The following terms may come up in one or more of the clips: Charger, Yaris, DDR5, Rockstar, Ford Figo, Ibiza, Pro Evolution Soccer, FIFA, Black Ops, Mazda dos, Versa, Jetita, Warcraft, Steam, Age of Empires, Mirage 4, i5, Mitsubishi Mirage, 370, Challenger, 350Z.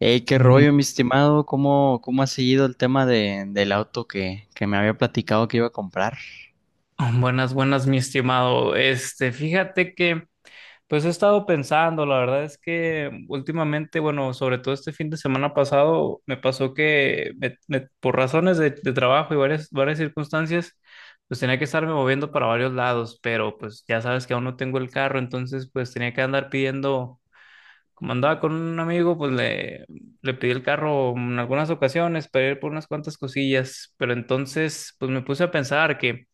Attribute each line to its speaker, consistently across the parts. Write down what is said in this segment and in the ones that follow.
Speaker 1: Hey, qué rollo, mi
Speaker 2: Mm,
Speaker 1: estimado. ¿Cómo ha seguido el tema del auto que me había platicado que iba a comprar?
Speaker 2: buenas, buenas, mi estimado. Fíjate que, pues he estado pensando, la verdad es que últimamente, bueno, sobre todo este fin de semana pasado, me pasó que por razones de trabajo y varias circunstancias, pues tenía que estarme moviendo para varios lados, pero pues ya sabes que aún no tengo el carro, entonces pues tenía que andar pidiendo, como andaba con un amigo, pues le pedí el carro en algunas ocasiones para ir por unas cuantas cosillas, pero entonces pues me puse a pensar que...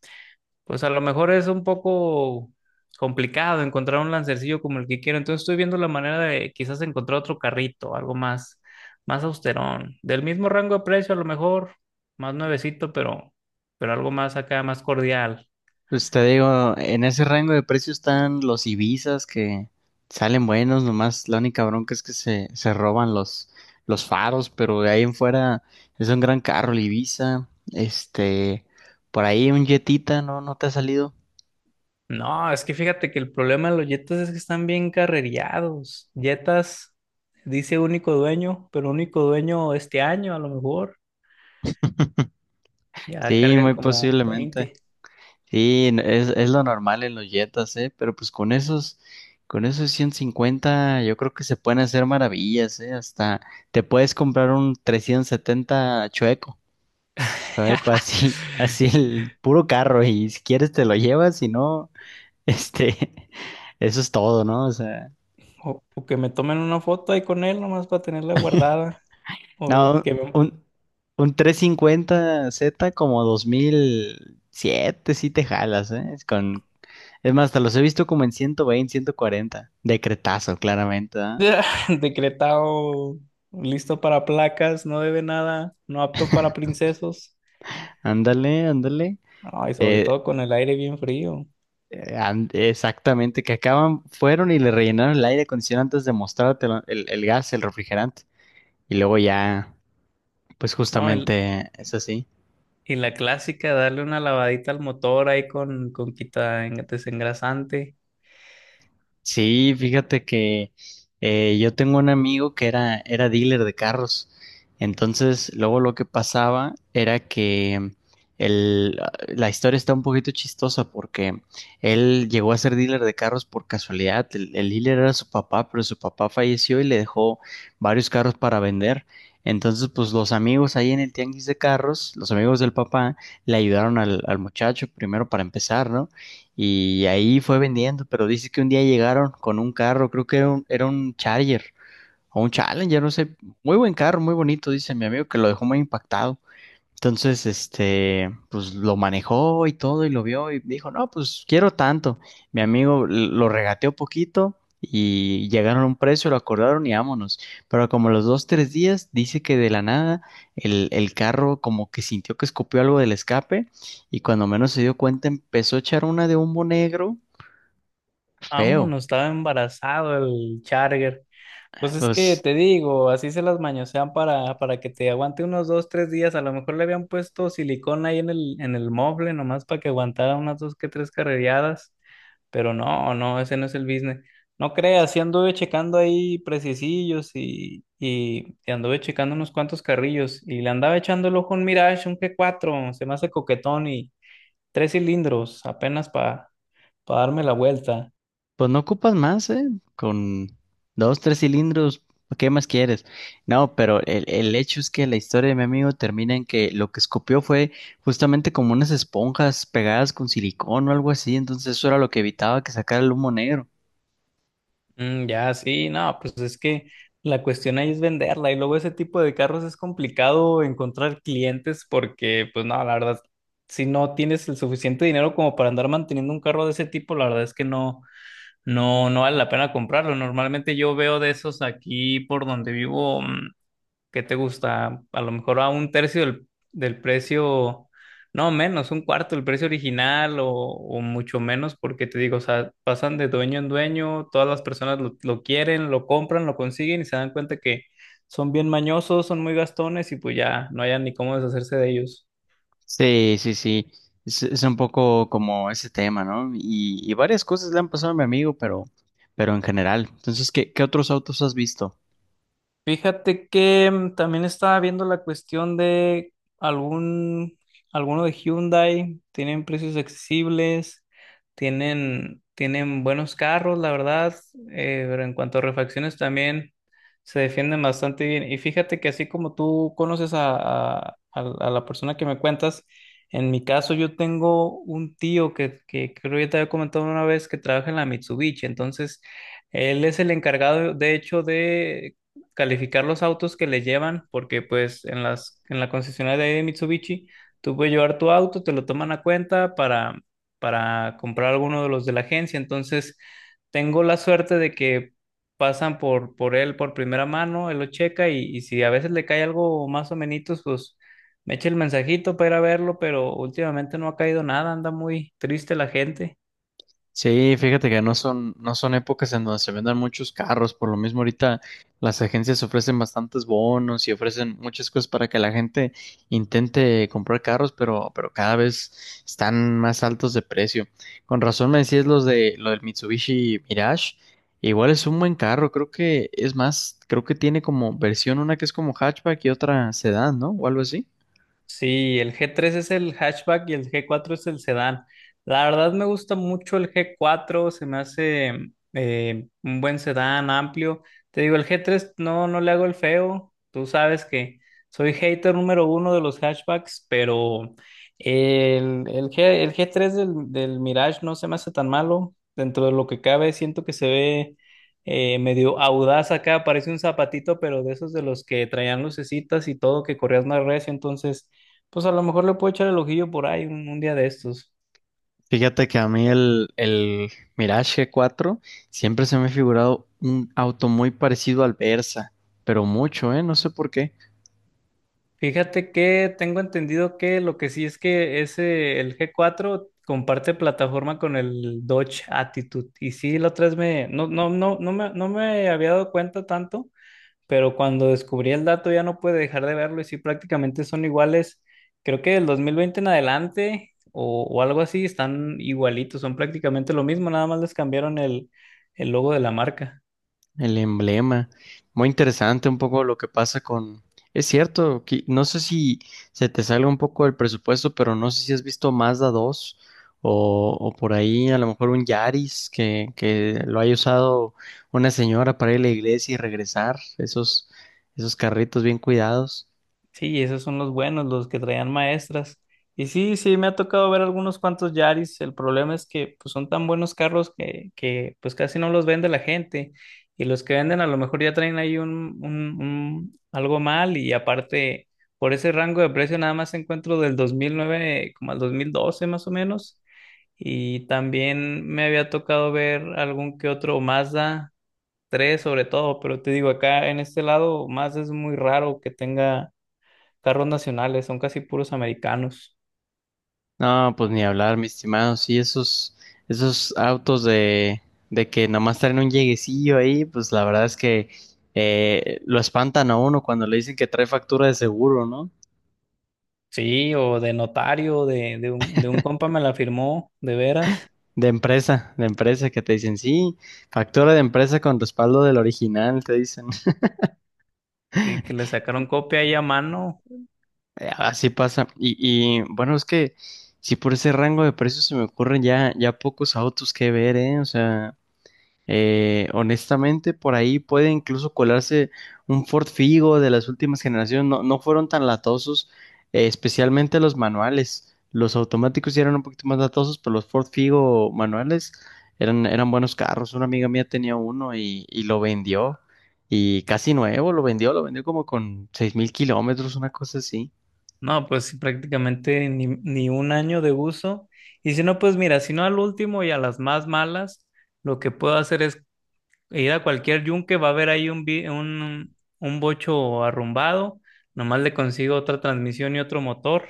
Speaker 2: Pues a lo mejor es un poco complicado encontrar un lancercillo como el que quiero. Entonces estoy viendo la manera de quizás encontrar otro carrito, algo más austerón. Del mismo rango de precio, a lo mejor, más nuevecito, pero algo más acá, más cordial.
Speaker 1: Pues te digo, en ese rango de precio están los Ibizas que salen buenos, nomás la única bronca es que se roban los faros, pero de ahí en fuera es un gran carro el Ibiza. Este, por ahí un Jetita, ¿no? ¿No te ha salido?
Speaker 2: No, es que fíjate que el problema de los Jetas es que están bien carrereados. Jetas dice único dueño, pero único dueño este año, a lo mejor. Ya
Speaker 1: Sí,
Speaker 2: cargan
Speaker 1: muy
Speaker 2: como
Speaker 1: posiblemente.
Speaker 2: 20.
Speaker 1: Sí, es lo normal en los Jetas, ¿eh? Pero pues con esos 150 yo creo que se pueden hacer maravillas, ¿eh? Hasta te puedes comprar un 370 chueco, chueco así, así el puro carro y si quieres te lo llevas, si no, este, eso es todo, ¿no? O sea,
Speaker 2: O que me tomen una foto ahí con él nomás para tenerla guardada. O
Speaker 1: no,
Speaker 2: que me...
Speaker 1: un 350Z como 2007 sí te jalas, ¿eh? Es más, hasta los he visto como en 120 140 Decretazo, claramente. ¿Ah?
Speaker 2: Decretado listo para placas, no debe nada, no apto para princesos.
Speaker 1: Ándale, ándale.
Speaker 2: No, y sobre
Speaker 1: Eh,
Speaker 2: todo con el aire bien frío.
Speaker 1: Exactamente, que acaban, fueron y le rellenaron el aire acondicionado antes de mostrarte el gas, el refrigerante. Y luego ya, pues
Speaker 2: No,
Speaker 1: justamente es así.
Speaker 2: y la clásica, darle una lavadita al motor ahí con desengrasante.
Speaker 1: Sí, fíjate que yo tengo un amigo que era dealer de carros. Entonces, luego lo que pasaba era que el, la historia está un poquito chistosa porque él llegó a ser dealer de carros por casualidad. El dealer era su papá, pero su papá falleció y le dejó varios carros para vender. Entonces, pues los amigos ahí en el tianguis de carros, los amigos del papá, le ayudaron al muchacho primero para empezar, ¿no? Y ahí fue vendiendo, pero dice que un día llegaron con un carro, creo que era era un Charger o un Challenger, no sé, muy buen carro, muy bonito, dice mi amigo que lo dejó muy impactado. Entonces, este, pues lo manejó y todo y lo vio y dijo, no, pues quiero tanto. Mi amigo lo regateó poquito y llegaron a un precio, lo acordaron y vámonos. Pero como los dos, tres días, dice que de la nada el carro como que sintió que escupió algo del escape y cuando menos se dio cuenta empezó a echar una de humo negro feo.
Speaker 2: Vámonos, estaba embarazado el Charger. Pues es que
Speaker 1: Pues
Speaker 2: te digo, así se las mañosean para que te aguante unos dos, tres días. A lo mejor le habían puesto silicón ahí en el mueble, nomás para que aguantara unas dos que tres carrereadas. Pero no, no, ese no es el business. No creas, sí anduve checando ahí precisillos y anduve checando unos cuantos carrillos. Y le andaba echando el ojo a un Mirage, un G4, se me hace coquetón y tres cilindros, apenas para darme la vuelta.
Speaker 1: Pues no ocupas más, ¿eh? Con dos, tres cilindros, ¿qué más quieres? No, pero el hecho es que la historia de mi amigo termina en que lo que escupió fue justamente como unas esponjas pegadas con silicón o algo así, entonces eso era lo que evitaba que sacara el humo negro.
Speaker 2: Mm, ya, sí, no, pues es que la cuestión ahí es venderla y luego ese tipo de carros es complicado encontrar clientes porque, pues no, la verdad, si no tienes el suficiente dinero como para andar manteniendo un carro de ese tipo, la verdad es que no, no, no vale la pena comprarlo. Normalmente yo veo de esos aquí por donde vivo. ¿Qué te gusta? A lo mejor a un tercio del precio, no menos, un cuarto del precio original o mucho menos, porque te digo, o sea, pasan de dueño en dueño, todas las personas lo quieren, lo compran, lo consiguen y se dan cuenta que son bien mañosos, son muy gastones y pues ya no hayan ni cómo deshacerse de ellos.
Speaker 1: Sí, sí, sí, es un poco como ese tema, ¿no? Y varias cosas le han pasado a mi amigo, pero en general. Entonces, ¿qué otros autos has visto?
Speaker 2: Fíjate que también estaba viendo la cuestión de algún, alguno de Hyundai, tienen precios accesibles, tienen buenos carros, la verdad, pero en cuanto a refacciones también se defienden bastante bien. Y fíjate que así como tú conoces a la persona que me cuentas, en mi caso yo tengo un tío que creo que ya te había comentado una vez que trabaja en la Mitsubishi, entonces... Él es el encargado, de hecho, de calificar los autos que le llevan, porque pues en la concesionaria de ahí de Mitsubishi, tú puedes llevar tu auto, te lo toman a cuenta para comprar alguno de los de la agencia. Entonces, tengo la suerte de que pasan por él por primera mano, él lo checa y si a veces le cae algo más o menos, pues me echa el mensajito para ir a verlo, pero últimamente no ha caído nada, anda muy triste la gente.
Speaker 1: Sí, fíjate que no son, no son épocas en donde se vendan muchos carros, por lo mismo ahorita las agencias ofrecen bastantes bonos y ofrecen muchas cosas para que la gente intente comprar carros, pero cada vez están más altos de precio. Con razón me decías los de lo del Mitsubishi Mirage, igual es un buen carro, creo que es más, creo que tiene como versión una que es como hatchback y otra sedán, ¿no? O algo así.
Speaker 2: Sí, el G3 es el hatchback y el G4 es el sedán. La verdad me gusta mucho el G4, se me hace un buen sedán amplio. Te digo, el G3 no, no le hago el feo. Tú sabes que soy hater número uno de los hatchbacks, pero el G3 del Mirage no se me hace tan malo. Dentro de lo que cabe, siento que se ve medio audaz acá, parece un zapatito, pero de esos de los que traían lucecitas y todo, que corrías más recio, entonces pues a lo mejor le puedo echar el ojillo por ahí un día de estos.
Speaker 1: Fíjate que a mí el Mirage 4 siempre se me ha figurado un auto muy parecido al Versa, pero mucho, ¿eh? No sé por qué.
Speaker 2: Fíjate que tengo entendido que lo que sí es que ese, el G4 comparte plataforma con el Dodge Attitude. Y sí, la otra vez me, no, no, no, no me, no me había dado cuenta tanto, pero cuando descubrí el dato ya no pude dejar de verlo y sí, prácticamente son iguales. Creo que del 2020 en adelante o algo así están igualitos, son prácticamente lo mismo, nada más les cambiaron el logo de la marca.
Speaker 1: El emblema. Muy interesante un poco lo que pasa con... Es cierto, no sé si se te salga un poco el presupuesto, pero no sé si has visto Mazda dos o por ahí a lo mejor un Yaris que lo haya usado una señora para ir a la iglesia y regresar. Esos, esos carritos bien cuidados.
Speaker 2: Sí, esos son los buenos, los que traían maestras. Y sí, sí, me ha tocado ver algunos cuantos Yaris. El problema es que pues, son tan buenos carros que pues casi no los vende la gente. Y los que venden a lo mejor ya traen ahí algo mal. Y aparte, por ese rango de precio nada más encuentro del 2009 como al 2012 más o menos. Y también me había tocado ver algún que otro Mazda 3 sobre todo. Pero te digo, acá en este lado Mazda es muy raro que tenga carros nacionales, son casi puros americanos.
Speaker 1: No, pues ni hablar, mi estimado. Sí, esos, esos autos de que nomás traen un lleguecillo ahí, pues la verdad es que lo espantan a uno cuando le dicen que trae factura de seguro, ¿no?
Speaker 2: Sí, o de notario, de un compa me la firmó, de veras,
Speaker 1: De empresa, que te dicen, sí, factura de empresa con respaldo del original, te dicen.
Speaker 2: y que le sacaron copia ahí a mano.
Speaker 1: Así pasa. Y bueno, es que si por ese rango de precios se me ocurren ya, ya pocos autos que ver, ¿eh? O sea, honestamente, por ahí puede incluso colarse un Ford Figo de las últimas generaciones. No, no fueron tan latosos, especialmente los manuales. Los automáticos sí eran un poquito más latosos, pero los Ford Figo manuales eran, eran buenos carros. Una amiga mía tenía uno y lo vendió. Y casi nuevo, lo vendió como con 6.000 km, una cosa así.
Speaker 2: No, pues sí, prácticamente ni un año de uso. Y si no, pues mira, si no al último y a las más malas, lo que puedo hacer es ir a cualquier yunque, va a haber ahí un bocho arrumbado, nomás le consigo otra transmisión y otro motor.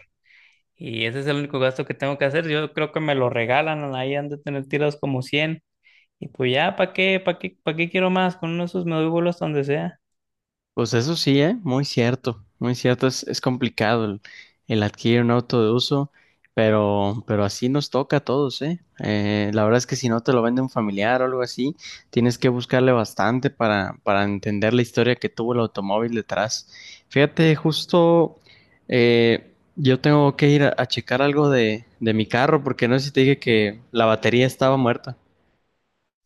Speaker 2: Y ese es el único gasto que tengo que hacer. Yo creo que me lo regalan, ahí han de tener tirados como cien. Y pues ya, ¿para qué? ¿Para qué? ¿Para qué quiero más? Con uno de esos me doy vuelos donde sea.
Speaker 1: Pues eso sí, ¿eh? Muy cierto, muy cierto. Es complicado el adquirir un auto de uso, pero así nos toca a todos, ¿eh? La verdad es que si no te lo vende un familiar o algo así, tienes que buscarle bastante para entender la historia que tuvo el automóvil detrás. Fíjate, justo yo tengo que ir a checar algo de mi carro, porque no sé si te dije que la batería estaba muerta.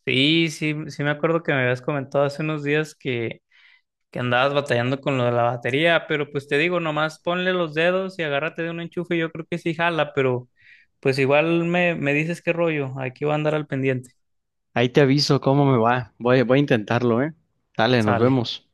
Speaker 2: Sí, sí, sí me acuerdo que me habías comentado hace unos días que andabas batallando con lo de la batería, pero pues te digo, nomás ponle los dedos y agárrate de un enchufe, yo creo que sí jala, pero pues igual me dices qué rollo, aquí voy a andar al pendiente.
Speaker 1: Ahí te aviso cómo me va. Voy, voy a intentarlo, ¿eh? Dale, nos
Speaker 2: Sale.
Speaker 1: vemos.